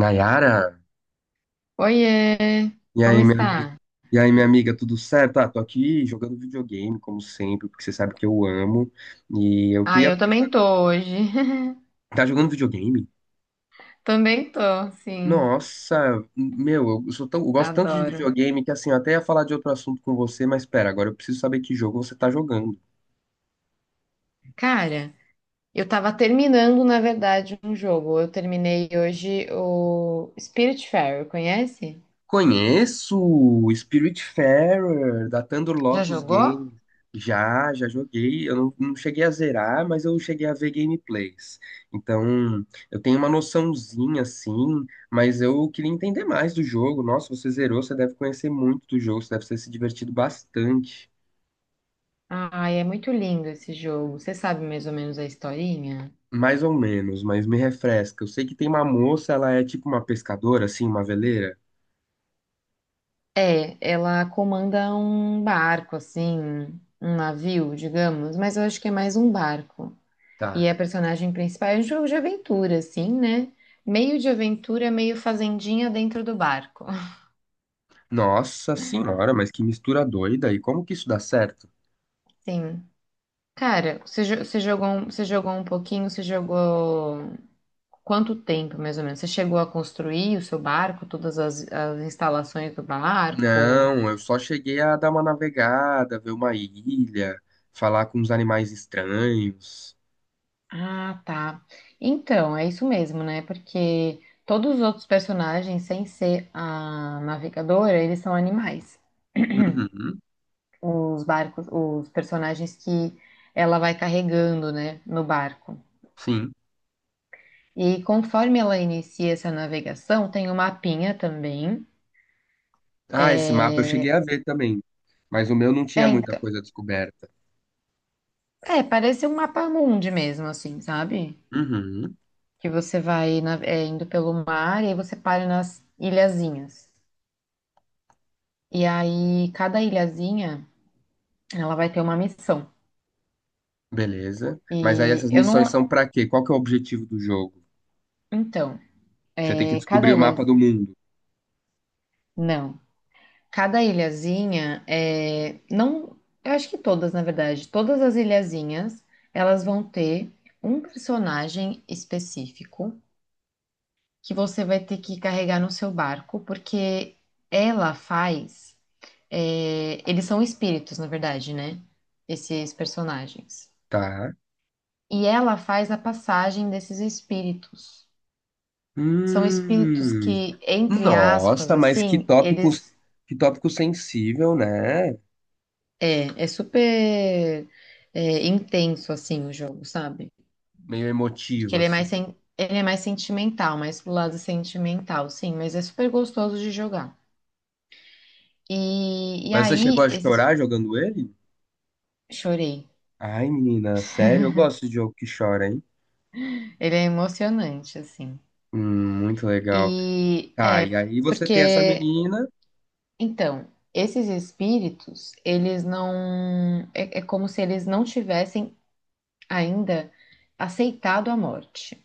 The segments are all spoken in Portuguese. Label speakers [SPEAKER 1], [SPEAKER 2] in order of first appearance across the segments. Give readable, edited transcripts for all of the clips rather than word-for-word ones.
[SPEAKER 1] Nayara,
[SPEAKER 2] Oiê,
[SPEAKER 1] e
[SPEAKER 2] como
[SPEAKER 1] aí, minha amiga,
[SPEAKER 2] está?
[SPEAKER 1] e aí, minha amiga, tudo certo? Ah, tô aqui jogando videogame, como sempre, porque você sabe que eu amo. E eu
[SPEAKER 2] Ah,
[SPEAKER 1] queria
[SPEAKER 2] eu
[SPEAKER 1] conversar.
[SPEAKER 2] também tô hoje.
[SPEAKER 1] Tá jogando videogame?
[SPEAKER 2] Também tô, sim.
[SPEAKER 1] Nossa, meu, eu gosto tanto de
[SPEAKER 2] Adoro.
[SPEAKER 1] videogame que assim, eu até ia falar de outro assunto com você, mas pera, agora eu preciso saber que jogo você tá jogando.
[SPEAKER 2] Cara, eu tava terminando, na verdade, um jogo. Eu terminei hoje o Spiritfarer, conhece?
[SPEAKER 1] Conheço o Spiritfarer da Thunder
[SPEAKER 2] Já
[SPEAKER 1] Lotus
[SPEAKER 2] jogou?
[SPEAKER 1] Games. Já joguei. Eu não, não cheguei a zerar, mas eu cheguei a ver gameplays. Então, eu tenho uma noçãozinha assim, mas eu queria entender mais do jogo. Nossa, você zerou, você deve conhecer muito do jogo, você deve ter se divertido bastante.
[SPEAKER 2] Ai, é muito lindo esse jogo. Você sabe mais ou menos a historinha?
[SPEAKER 1] Mais ou menos, mas me refresca. Eu sei que tem uma moça, ela é tipo uma pescadora, assim, uma veleira.
[SPEAKER 2] É, ela comanda um barco, assim, um navio, digamos, mas eu acho que é mais um barco.
[SPEAKER 1] Tá.
[SPEAKER 2] A personagem principal é um jogo de aventura, assim, né? Meio de aventura, meio fazendinha dentro do barco.
[SPEAKER 1] Nossa senhora, mas que mistura doida. E como que isso dá certo?
[SPEAKER 2] Sim. Cara, você jogou, você jogou um pouquinho, você jogou quanto tempo, mais ou menos? Você chegou a construir o seu barco, as instalações do barco?
[SPEAKER 1] Não, eu só cheguei a dar uma navegada, ver uma ilha, falar com os animais estranhos.
[SPEAKER 2] Ah, tá. Então, é isso mesmo, né? Porque todos os outros personagens, sem ser a navegadora, eles são animais.
[SPEAKER 1] Uhum,
[SPEAKER 2] Os barcos, os personagens que ela vai carregando, né, no barco.
[SPEAKER 1] sim.
[SPEAKER 2] E conforme ela inicia essa navegação, tem um mapinha também.
[SPEAKER 1] Ah, esse mapa eu cheguei
[SPEAKER 2] É,
[SPEAKER 1] a ver também, mas o meu não tinha
[SPEAKER 2] é,
[SPEAKER 1] muita
[SPEAKER 2] então,
[SPEAKER 1] coisa descoberta.
[SPEAKER 2] parece um mapa mundi mesmo, assim, sabe?
[SPEAKER 1] Uhum,
[SPEAKER 2] Que você vai indo pelo mar e aí você para nas ilhazinhas. E aí, cada ilhazinha, ela vai ter uma missão.
[SPEAKER 1] beleza. Mas aí
[SPEAKER 2] E
[SPEAKER 1] essas
[SPEAKER 2] eu
[SPEAKER 1] missões
[SPEAKER 2] não.
[SPEAKER 1] são pra quê? Qual que é o objetivo do jogo?
[SPEAKER 2] Então,
[SPEAKER 1] Você tem que
[SPEAKER 2] cada
[SPEAKER 1] descobrir o mapa
[SPEAKER 2] ilha.
[SPEAKER 1] do mundo,
[SPEAKER 2] Não. Cada ilhazinha é, não, eu acho que todas, na verdade, todas as ilhazinhas, elas vão ter um personagem específico que você vai ter que carregar no seu barco, porque ela faz, eles são espíritos, na verdade, né? Esses personagens.
[SPEAKER 1] tá?
[SPEAKER 2] E ela faz a passagem desses espíritos. São espíritos
[SPEAKER 1] Hum,
[SPEAKER 2] que, entre aspas,
[SPEAKER 1] Nossa, mas
[SPEAKER 2] assim, eles.
[SPEAKER 1] que tópico sensível, né?
[SPEAKER 2] É, é super é, intenso, assim, o jogo, sabe?
[SPEAKER 1] Meio
[SPEAKER 2] Porque
[SPEAKER 1] emotivo,
[SPEAKER 2] ele é
[SPEAKER 1] assim.
[SPEAKER 2] ele é mais sentimental, mais pro lado sentimental, sim, mas é super gostoso de jogar. E, e
[SPEAKER 1] Mas você chegou
[SPEAKER 2] aí,
[SPEAKER 1] a
[SPEAKER 2] esse...
[SPEAKER 1] chorar jogando ele?
[SPEAKER 2] chorei.
[SPEAKER 1] Ai, menina, sério, eu gosto de jogo que chora, hein?
[SPEAKER 2] Ele é emocionante, assim.
[SPEAKER 1] Muito
[SPEAKER 2] E
[SPEAKER 1] legal.
[SPEAKER 2] é,
[SPEAKER 1] Tá, e aí você
[SPEAKER 2] porque,
[SPEAKER 1] tem essa menina.
[SPEAKER 2] então, esses espíritos, eles não. É como se eles não tivessem ainda aceitado a morte.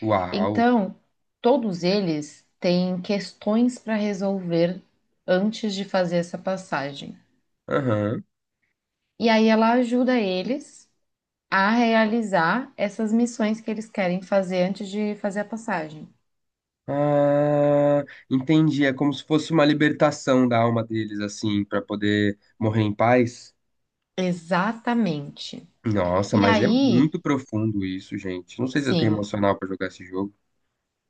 [SPEAKER 1] Uau!
[SPEAKER 2] Então, todos eles têm questões para resolver antes de fazer essa passagem.
[SPEAKER 1] Aham.
[SPEAKER 2] E aí ela ajuda eles a realizar essas missões que eles querem fazer antes de fazer a passagem.
[SPEAKER 1] Ah, entendi. É como se fosse uma libertação da alma deles, assim, pra poder morrer em paz.
[SPEAKER 2] Exatamente.
[SPEAKER 1] Nossa,
[SPEAKER 2] E
[SPEAKER 1] mas é
[SPEAKER 2] aí,
[SPEAKER 1] muito profundo isso, gente. Não sei se eu tenho
[SPEAKER 2] sim.
[SPEAKER 1] emocional pra jogar esse jogo.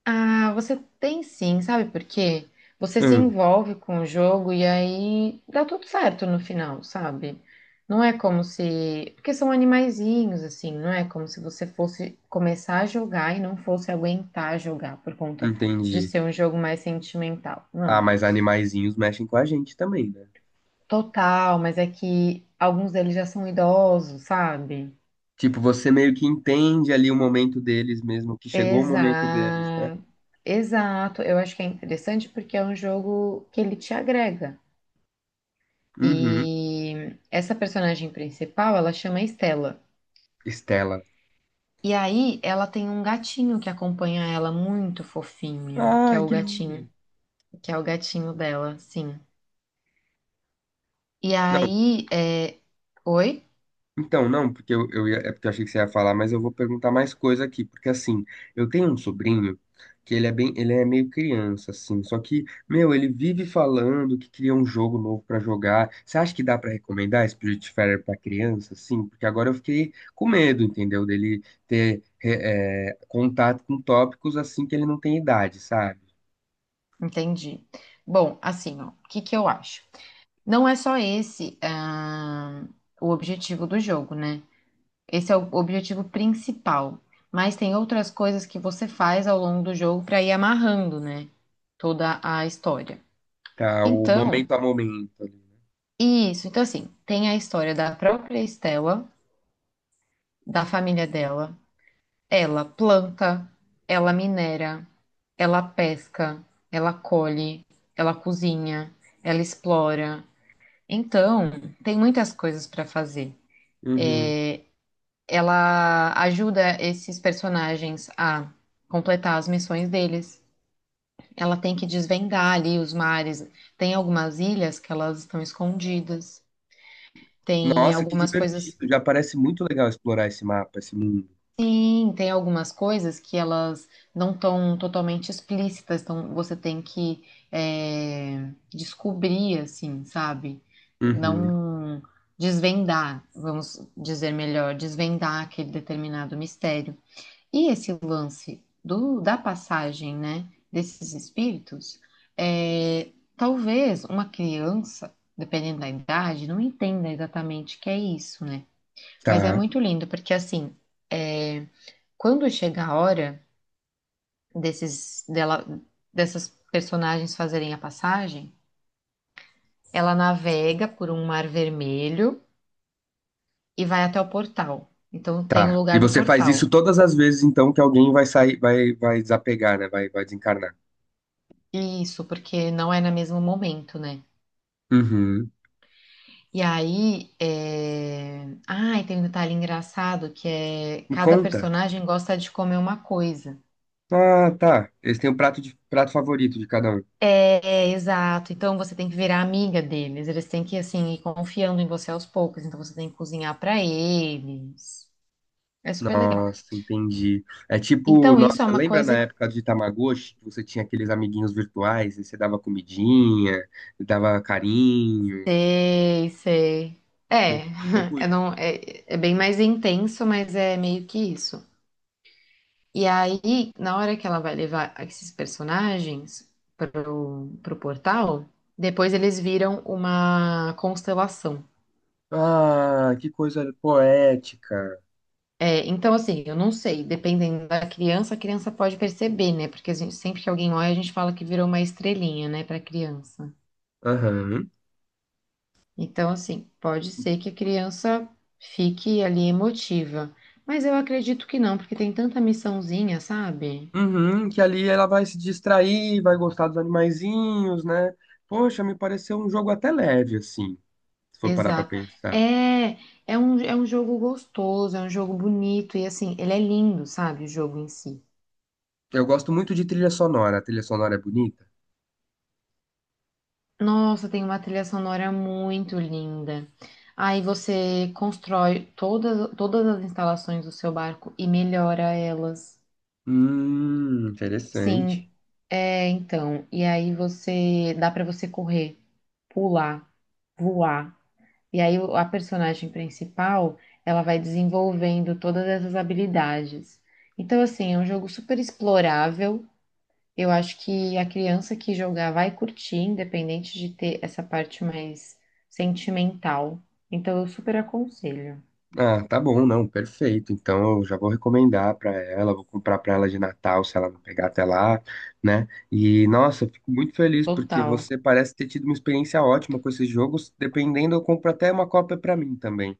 [SPEAKER 2] Ah, você tem sim, sabe por quê? Você se
[SPEAKER 1] Hum,
[SPEAKER 2] envolve com o jogo e aí dá tudo certo no final, sabe? Não é como se. Porque são animaizinhos, assim, não é como se você fosse começar a jogar e não fosse aguentar jogar por conta de
[SPEAKER 1] Entendi.
[SPEAKER 2] ser um jogo mais sentimental.
[SPEAKER 1] Ah,
[SPEAKER 2] Não,
[SPEAKER 1] mas animaizinhos mexem com a gente também, né?
[SPEAKER 2] total, mas é que alguns deles já são idosos, sabe?
[SPEAKER 1] Tipo, você meio que entende ali o momento deles mesmo, que chegou o momento deles, né?
[SPEAKER 2] Exato, exato. Eu acho que é interessante porque é um jogo que ele te agrega.
[SPEAKER 1] Uhum.
[SPEAKER 2] E essa personagem principal, ela chama Estela.
[SPEAKER 1] Estela.
[SPEAKER 2] E aí ela tem um gatinho que acompanha ela muito fofinho, que é
[SPEAKER 1] Ai,
[SPEAKER 2] o
[SPEAKER 1] que
[SPEAKER 2] gatinho,
[SPEAKER 1] lindo.
[SPEAKER 2] que é o gatinho dela, sim. E
[SPEAKER 1] Não,
[SPEAKER 2] aí, é... oi?
[SPEAKER 1] então, não, porque é porque eu achei que você ia falar, mas eu vou perguntar mais coisa aqui, porque assim, eu tenho um sobrinho que ele é bem, ele é meio criança, assim, só que, meu, ele vive falando que queria um jogo novo pra jogar. Você acha que dá pra recomendar Spiritfarer pra criança, assim? Porque agora eu fiquei com medo, entendeu? Dele ter contato com tópicos assim que ele não tem idade, sabe?
[SPEAKER 2] Entendi. Bom, assim, ó, o que que eu acho? Não é só esse, ah, o objetivo do jogo, né? Esse é o objetivo principal, mas tem outras coisas que você faz ao longo do jogo para ir amarrando, né? Toda a história.
[SPEAKER 1] Tá, o
[SPEAKER 2] Então,
[SPEAKER 1] momento a momento
[SPEAKER 2] isso, então assim, tem a história da própria Estela, da família dela. Ela planta, ela minera, ela pesca, ela colhe, ela cozinha, ela explora. Então, tem muitas coisas para fazer.
[SPEAKER 1] ali.
[SPEAKER 2] Ela ajuda esses personagens a completar as missões deles. Ela tem que desvendar ali os mares. Tem algumas ilhas que elas estão escondidas. Tem
[SPEAKER 1] Nossa, que
[SPEAKER 2] algumas coisas.
[SPEAKER 1] divertido. Já parece muito legal explorar esse mapa, esse mundo.
[SPEAKER 2] Sim, tem algumas coisas que elas não estão totalmente explícitas, então você tem que descobrir, assim, sabe?
[SPEAKER 1] Uhum.
[SPEAKER 2] Não desvendar, vamos dizer melhor, desvendar aquele determinado mistério. E esse lance da passagem, né, desses espíritos, é, talvez uma criança, dependendo da idade, não entenda exatamente o que é isso, né? Mas é
[SPEAKER 1] Tá,
[SPEAKER 2] muito lindo, porque assim. eh, Quando chega a hora desses, dela, dessas personagens fazerem a passagem, ela navega por um mar vermelho e vai até o portal. Então tem o
[SPEAKER 1] tá. E
[SPEAKER 2] lugar do
[SPEAKER 1] você faz isso
[SPEAKER 2] portal.
[SPEAKER 1] todas as vezes, então, que alguém vai sair, vai desapegar, né? Vai desencarnar.
[SPEAKER 2] Isso, porque não é no mesmo momento, né?
[SPEAKER 1] Uhum.
[SPEAKER 2] E aí, é... ah, e tem um detalhe engraçado que é
[SPEAKER 1] Me
[SPEAKER 2] cada
[SPEAKER 1] conta.
[SPEAKER 2] personagem gosta de comer uma coisa.
[SPEAKER 1] Ah, tá. Eles têm o prato favorito de cada um.
[SPEAKER 2] É, é, exato. Então você tem que virar amiga deles. Eles têm que assim ir confiando em você aos poucos. Então você tem que cozinhar pra eles. É super legal.
[SPEAKER 1] Nossa, entendi. É tipo,
[SPEAKER 2] Então, isso
[SPEAKER 1] nossa,
[SPEAKER 2] é uma
[SPEAKER 1] lembra na
[SPEAKER 2] coisa que.
[SPEAKER 1] época de Tamagotchi, que você tinha aqueles amiguinhos virtuais e você dava comidinha, dava carinho?
[SPEAKER 2] Sei, sei.
[SPEAKER 1] Me
[SPEAKER 2] É,
[SPEAKER 1] lembra um pouco
[SPEAKER 2] eu
[SPEAKER 1] isso.
[SPEAKER 2] não, é, é bem mais intenso, mas é meio que isso. E aí, na hora que ela vai levar esses personagens pro portal, depois eles viram uma constelação.
[SPEAKER 1] Ah, que coisa poética.
[SPEAKER 2] É, então, assim, eu não sei, dependendo da criança, a criança pode perceber, né? Porque a gente- sempre que alguém olha, a gente fala que virou uma estrelinha, né, pra criança.
[SPEAKER 1] Aham.
[SPEAKER 2] Então, assim, pode ser que a criança fique ali emotiva, mas eu acredito que não, porque tem tanta missãozinha, sabe?
[SPEAKER 1] Uhum, que ali ela vai se distrair, vai gostar dos animaizinhos, né? Poxa, me pareceu um jogo até leve, assim, se for parar pra
[SPEAKER 2] Exato.
[SPEAKER 1] pensar.
[SPEAKER 2] É, é um jogo gostoso, é um jogo bonito, e assim, ele é lindo, sabe? O jogo em si.
[SPEAKER 1] Eu gosto muito de trilha sonora. A trilha sonora é bonita?
[SPEAKER 2] Nossa, tem uma trilha sonora muito linda. Aí você constrói todas as instalações do seu barco e melhora elas. Sim,
[SPEAKER 1] Interessante.
[SPEAKER 2] é, então. E aí você, dá pra você correr, pular, voar. E aí a personagem principal, ela vai desenvolvendo todas essas habilidades. Então, assim, é um jogo super explorável. Eu acho que a criança que jogar vai curtir, independente de ter essa parte mais sentimental. Então, eu super aconselho.
[SPEAKER 1] Ah, tá bom, não, perfeito. Então eu já vou recomendar pra ela, vou comprar pra ela de Natal, se ela não pegar até lá, né? E nossa, eu fico muito feliz porque
[SPEAKER 2] Total.
[SPEAKER 1] você parece ter tido uma experiência ótima com esses jogos. Dependendo, eu compro até uma cópia pra mim também.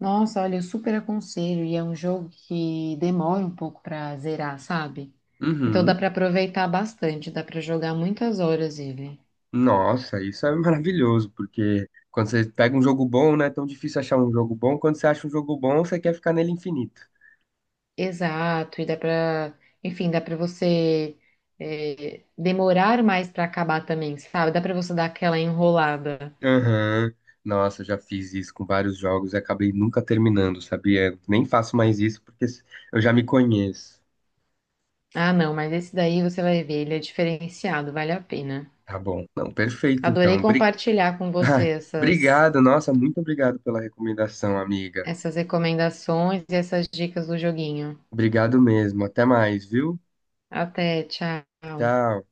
[SPEAKER 2] Nossa, olha, eu super aconselho. E é um jogo que demora um pouco pra zerar, sabe? Então dá
[SPEAKER 1] Uhum.
[SPEAKER 2] pra aproveitar bastante, dá pra jogar muitas horas ele.
[SPEAKER 1] Nossa, isso é maravilhoso, porque quando você pega um jogo bom, não é tão difícil achar um jogo bom. Quando você acha um jogo bom, você quer ficar nele infinito.
[SPEAKER 2] Exato, e dá pra, enfim, dá pra você demorar mais pra acabar também, sabe? Dá pra você dar aquela enrolada.
[SPEAKER 1] Aham. Nossa, já fiz isso com vários jogos e acabei nunca terminando, sabia? Nem faço mais isso porque eu já me conheço.
[SPEAKER 2] Ah, não, mas esse daí você vai ver, ele é diferenciado, vale a pena.
[SPEAKER 1] Tá bom. Não, perfeito,
[SPEAKER 2] Adorei
[SPEAKER 1] então.
[SPEAKER 2] compartilhar com você
[SPEAKER 1] Ai,
[SPEAKER 2] essas,
[SPEAKER 1] obrigado, nossa, muito obrigado pela recomendação, amiga.
[SPEAKER 2] essas recomendações e essas dicas do joguinho.
[SPEAKER 1] Obrigado mesmo. Até mais, viu?
[SPEAKER 2] Até, tchau.
[SPEAKER 1] Tchau.